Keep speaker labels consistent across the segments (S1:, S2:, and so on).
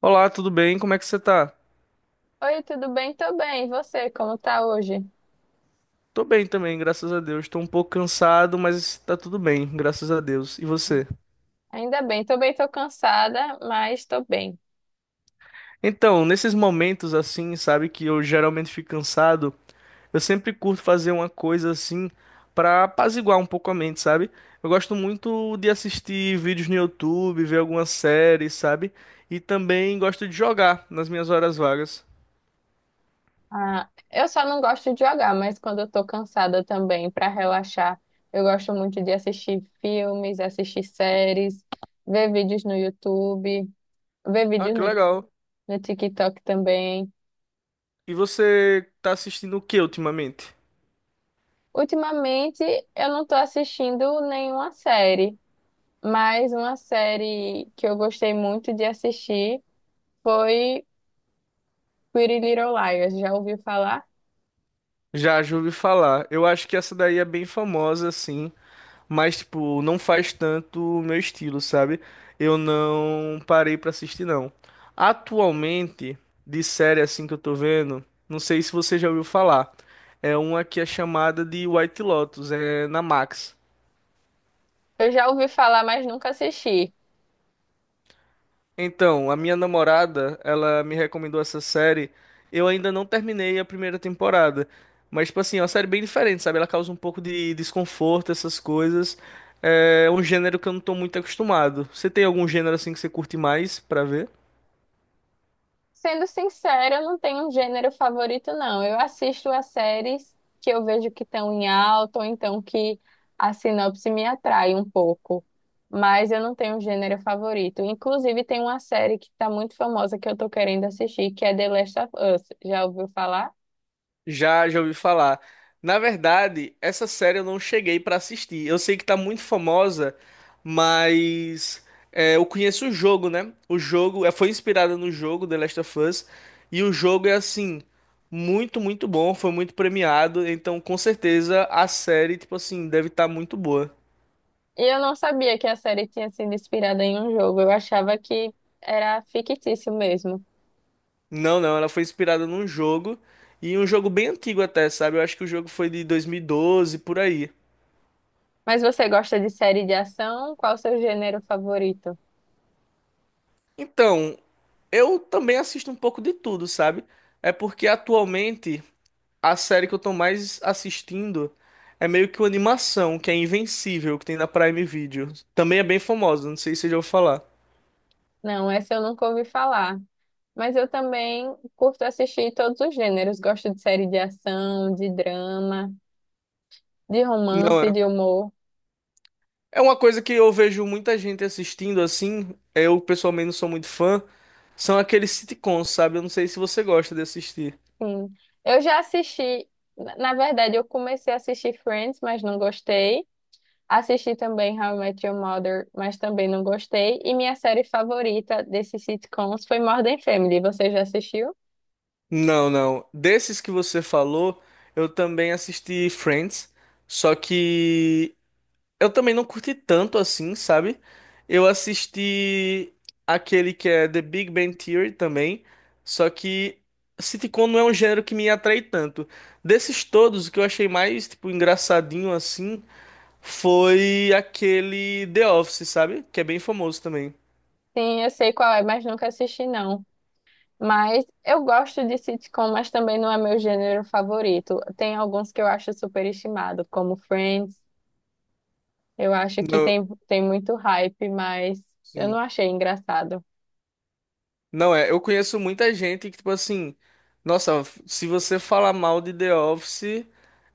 S1: Olá, tudo bem? Como é que você tá?
S2: Oi, tudo bem? Tô bem. E você, como tá hoje?
S1: Tô bem também, graças a Deus. Tô um pouco cansado, mas tá tudo bem, graças a Deus. E você?
S2: Ainda bem. Tô bem, tô cansada, mas tô bem.
S1: Então, nesses momentos assim, sabe, que eu geralmente fico cansado, eu sempre curto fazer uma coisa assim pra apaziguar um pouco a mente, sabe? Eu gosto muito de assistir vídeos no YouTube, ver algumas séries, sabe? E também gosto de jogar nas minhas horas vagas.
S2: Ah, eu só não gosto de jogar, mas quando eu tô cansada também, pra relaxar, eu gosto muito de assistir filmes, assistir séries, ver vídeos no YouTube, ver
S1: Ah,
S2: vídeos
S1: que
S2: no,
S1: legal.
S2: no TikTok também.
S1: E você tá assistindo o que ultimamente?
S2: Ultimamente, eu não tô assistindo nenhuma série, mas uma série que eu gostei muito de assistir foi Pretty Little Liars, já ouviu falar?
S1: Já, já ouvi falar. Eu acho que essa daí é bem famosa, assim, mas, tipo, não faz tanto o meu estilo, sabe? Eu não parei pra assistir, não. Atualmente, de série assim que eu tô vendo, não sei se você já ouviu falar. É uma que é chamada de White Lotus, é na Max.
S2: Eu já ouvi falar, mas nunca assisti.
S1: Então, a minha namorada, ela me recomendou essa série. Eu ainda não terminei a primeira temporada. Mas, tipo assim, é uma série bem diferente, sabe? Ela causa um pouco de desconforto, essas coisas. É um gênero que eu não tô muito acostumado. Você tem algum gênero assim que você curte mais pra ver?
S2: Sendo sincera, eu não tenho um gênero favorito, não. Eu assisto as séries que eu vejo que estão em alta, ou então que a sinopse me atrai um pouco. Mas eu não tenho um gênero favorito. Inclusive, tem uma série que está muito famosa que eu estou querendo assistir, que é The Last of Us. Já ouviu falar?
S1: Já, já ouvi falar. Na verdade, essa série eu não cheguei pra assistir. Eu sei que tá muito famosa, mas é, eu conheço o jogo, né? O jogo é, foi inspirada no jogo The Last of Us e o jogo é assim muito, muito bom. Foi muito premiado, então com certeza a série, tipo assim, deve estar muito boa.
S2: E eu não sabia que a série tinha sido inspirada em um jogo. Eu achava que era fictício mesmo.
S1: Não, não, ela foi inspirada num jogo e um jogo bem antigo até, sabe? Eu acho que o jogo foi de 2012 por aí.
S2: Mas você gosta de série de ação? Qual o seu gênero favorito?
S1: Então, eu também assisto um pouco de tudo, sabe? É porque atualmente a série que eu tô mais assistindo é meio que uma animação, que é Invencível, que tem na Prime Video. Também é bem famosa, não sei se você já ouviu falar.
S2: Não, essa eu nunca ouvi falar. Mas eu também curto assistir todos os gêneros. Gosto de série de ação, de drama, de
S1: Não,
S2: romance,
S1: é.
S2: de humor.
S1: É uma coisa que eu vejo muita gente assistindo assim, eu pessoalmente não sou muito fã, são aqueles sitcoms, sabe? Eu não sei se você gosta de assistir.
S2: Sim. Eu já assisti, na verdade, eu comecei a assistir Friends, mas não gostei. Assisti também How I Met Your Mother, mas também não gostei. E minha série favorita desses sitcoms foi Modern Family. Você já assistiu?
S1: Não, não. Desses que você falou, eu também assisti Friends, só que eu também não curti tanto assim, sabe? Eu assisti aquele que é The Big Bang Theory também, só que sitcom não é um gênero que me atrai tanto. Desses todos, o que eu achei mais, tipo, engraçadinho assim foi aquele The Office, sabe? Que é bem famoso também.
S2: Sim, eu sei qual é, mas nunca assisti, não. Mas eu gosto de sitcom, mas também não é meu gênero favorito. Tem alguns que eu acho superestimado, como Friends. Eu acho que
S1: Não,
S2: tem muito hype, mas eu não
S1: sim.
S2: achei engraçado.
S1: Não é, eu conheço muita gente que, tipo assim, nossa, se você falar mal de The Office,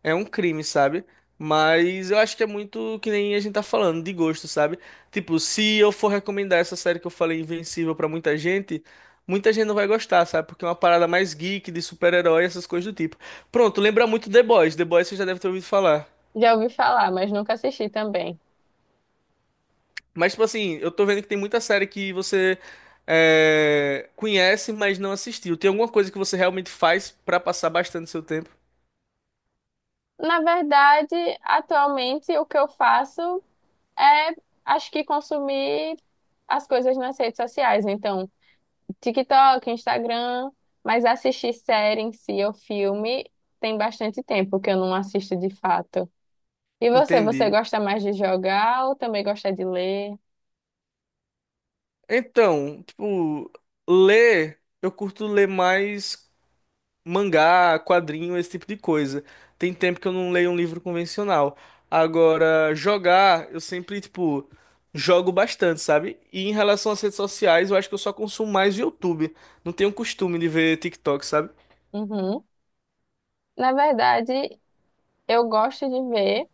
S1: é um crime, sabe? Mas eu acho que é muito que nem a gente tá falando, de gosto, sabe? Tipo, se eu for recomendar essa série que eu falei, Invencível, pra muita gente não vai gostar, sabe? Porque é uma parada mais geek, de super-herói, essas coisas do tipo. Pronto, lembra muito The Boys. The Boys você já deve ter ouvido falar.
S2: Já ouvi falar, mas nunca assisti também.
S1: Mas, tipo assim, eu tô vendo que tem muita série que você é, conhece, mas não assistiu. Tem alguma coisa que você realmente faz pra passar bastante seu tempo?
S2: Na verdade, atualmente o que eu faço é, acho que consumir as coisas nas redes sociais. Então, TikTok, Instagram, mas assistir série em si ou filme tem bastante tempo que eu não assisto de fato. E você, você
S1: Entendi.
S2: gosta mais de jogar ou também gosta de ler?
S1: Então, tipo, ler, eu curto ler mais mangá, quadrinho, esse tipo de coisa. Tem tempo que eu não leio um livro convencional. Agora, jogar, eu sempre, tipo, jogo bastante, sabe? E em relação às redes sociais, eu acho que eu só consumo mais YouTube. Não tenho costume de ver TikTok, sabe?
S2: Uhum. Na verdade, eu gosto de ver,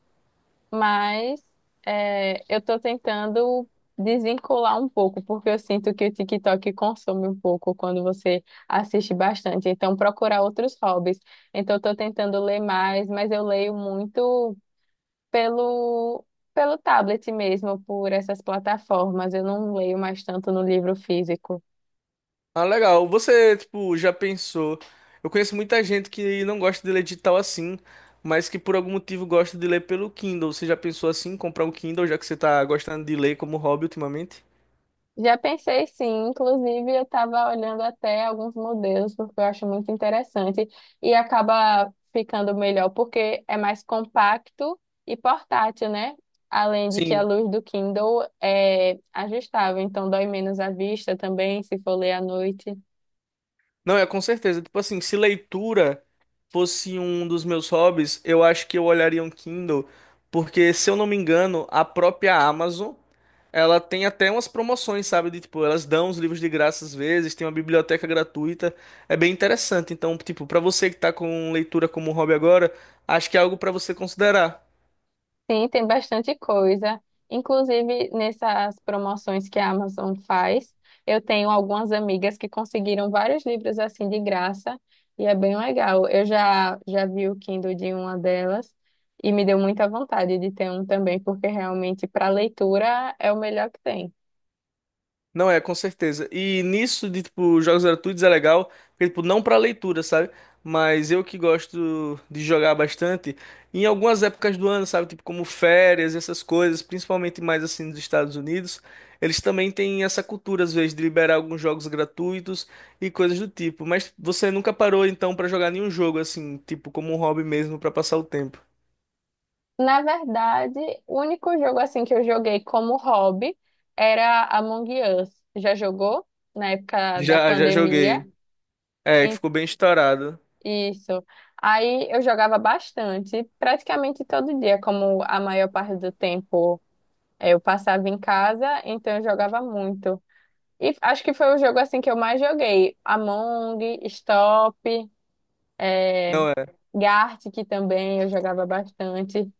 S2: mas eu estou tentando desvincular um pouco, porque eu sinto que o TikTok consome um pouco quando você assiste bastante. Então, procurar outros hobbies. Então, eu estou tentando ler mais, mas eu leio muito pelo, pelo tablet mesmo, por essas plataformas. Eu não leio mais tanto no livro físico.
S1: Ah, legal. Você, tipo, já pensou? Eu conheço muita gente que não gosta de ler digital assim, mas que por algum motivo gosta de ler pelo Kindle. Você já pensou assim, em comprar um Kindle, já que você tá gostando de ler como hobby ultimamente?
S2: Já pensei, sim, inclusive eu estava olhando até alguns modelos, porque eu acho muito interessante e acaba ficando melhor porque é mais compacto e portátil, né? Além de que a
S1: Sim.
S2: luz do Kindle é ajustável, então dói menos a vista também, se for ler à noite.
S1: Não, é com certeza. Tipo assim, se leitura fosse um dos meus hobbies, eu acho que eu olharia um Kindle, porque se eu não me engano, a própria Amazon, ela tem até umas promoções, sabe? De, tipo, elas dão os livros de graça às vezes, tem uma biblioteca gratuita, é bem interessante. Então, tipo, pra você que tá com leitura como hobby agora, acho que é algo pra você considerar.
S2: Sim, tem bastante coisa. Inclusive, nessas promoções que a Amazon faz, eu tenho algumas amigas que conseguiram vários livros assim de graça e é bem legal. Eu já vi o Kindle de uma delas e me deu muita vontade de ter um também, porque realmente para leitura é o melhor que tem.
S1: Não é, com certeza. E nisso de tipo jogos gratuitos é legal, porque tipo não pra leitura, sabe? Mas eu que gosto de jogar bastante em algumas épocas do ano, sabe? Tipo como férias, essas coisas, principalmente mais assim nos Estados Unidos, eles também têm essa cultura às vezes de liberar alguns jogos gratuitos e coisas do tipo. Mas você nunca parou então pra jogar nenhum jogo assim, tipo como um hobby mesmo pra passar o tempo?
S2: Na verdade, o único jogo assim que eu joguei como hobby era Among Us. Já jogou? Na época da
S1: Já, já
S2: pandemia.
S1: joguei. É, que ficou bem estourado.
S2: Isso. Aí eu jogava bastante, praticamente todo dia, como a maior parte do tempo eu passava em casa, então eu jogava muito. E acho que foi o jogo assim que eu mais joguei. Among, Stop, eh,
S1: Não é.
S2: Gartic também eu jogava bastante.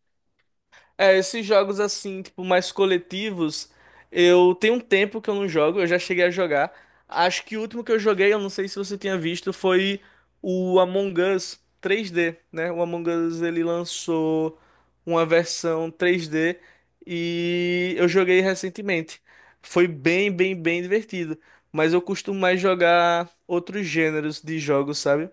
S1: É, esses jogos assim, tipo, mais coletivos, eu tenho um tempo que eu não jogo, eu já cheguei a jogar. Acho que o último que eu joguei, eu não sei se você tinha visto, foi o Among Us 3D, né? O Among Us ele lançou uma versão 3D e eu joguei recentemente. Foi bem, bem, bem divertido, mas eu costumo mais jogar outros gêneros de jogos, sabe?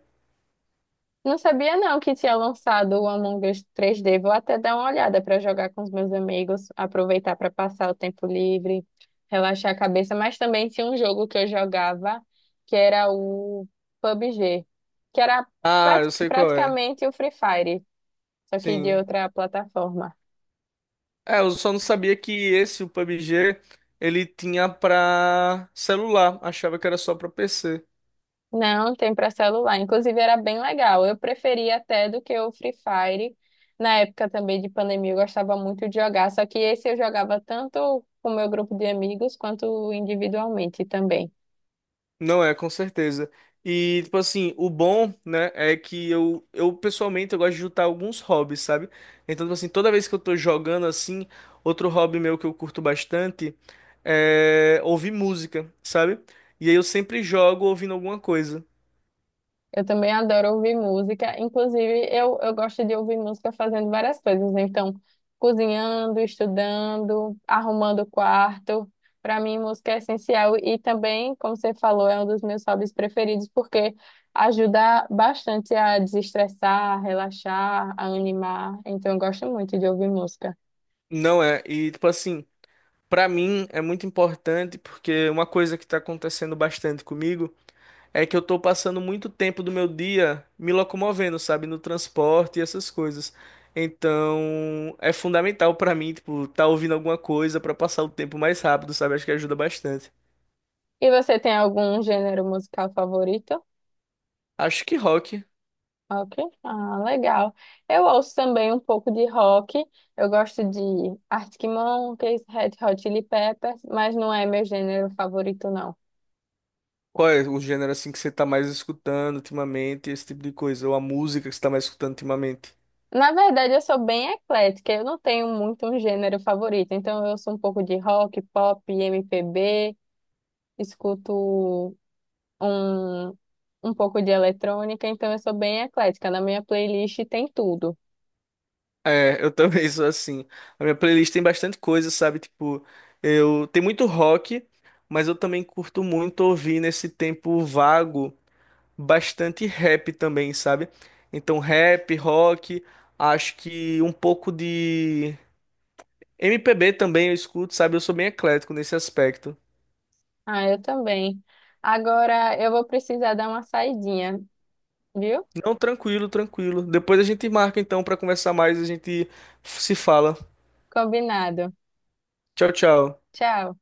S2: Não sabia, não, que tinha lançado o Among Us 3D. Vou até dar uma olhada para jogar com os meus amigos, aproveitar para passar o tempo livre, relaxar a cabeça. Mas também tinha um jogo que eu jogava, que era o PUBG, que era
S1: Ah, eu sei qual é.
S2: praticamente o Free Fire, só que de
S1: Sim.
S2: outra plataforma.
S1: É, eu só não sabia que esse, o PUBG, ele tinha pra celular. Achava que era só pra PC.
S2: Não, tem para celular. Inclusive era bem legal. Eu preferia até do que o Free Fire. Na época também de pandemia eu gostava muito de jogar, só que esse eu jogava tanto com o meu grupo de amigos quanto individualmente também.
S1: Não é, com certeza. E, tipo assim, o bom, né, é que eu pessoalmente, eu gosto de juntar alguns hobbies, sabe? Então, tipo assim, toda vez que eu tô jogando assim, outro hobby meu que eu curto bastante é ouvir música, sabe? E aí eu sempre jogo ouvindo alguma coisa.
S2: Eu também adoro ouvir música. Inclusive, eu gosto de ouvir música fazendo várias coisas, né? Então, cozinhando, estudando, arrumando o quarto. Para mim, música é essencial. E também, como você falou, é um dos meus hobbies preferidos, porque ajuda bastante a desestressar, a relaxar, a animar. Então, eu gosto muito de ouvir música.
S1: Não é, e, tipo assim, pra mim é muito importante porque é uma coisa que tá acontecendo bastante comigo. É que eu tô passando muito tempo do meu dia me locomovendo, sabe, no transporte e essas coisas. Então, é fundamental pra mim, tipo, tá ouvindo alguma coisa pra passar o tempo mais rápido, sabe? Acho que ajuda bastante.
S2: E você tem algum gênero musical favorito?
S1: Acho que rock.
S2: Ok, ah, legal. Eu ouço também um pouco de rock. Eu gosto de Arctic Monkeys, Red Hot Chili Peppers, mas não é meu gênero favorito, não.
S1: Qual é o gênero assim que você tá mais escutando ultimamente, esse tipo de coisa, ou a música que você tá mais escutando ultimamente?
S2: Na verdade, eu sou bem eclética. Eu não tenho muito um gênero favorito. Então, eu ouço um pouco de rock, pop, MPB, escuto um, um pouco de eletrônica. Então, eu sou bem eclética. Na minha playlist tem tudo.
S1: É, eu também sou assim. A minha playlist tem bastante coisa, sabe? Tipo, eu tem muito rock, mas eu também curto muito ouvir nesse tempo vago. Bastante rap também, sabe? Então, rap, rock, acho que um pouco de MPB também eu escuto, sabe? Eu sou bem eclético nesse aspecto.
S2: Ah, eu também. Agora, eu vou precisar dar uma saidinha, viu?
S1: Não, tranquilo, tranquilo. Depois a gente marca então pra conversar mais, a gente se fala.
S2: Combinado.
S1: Tchau, tchau.
S2: Tchau.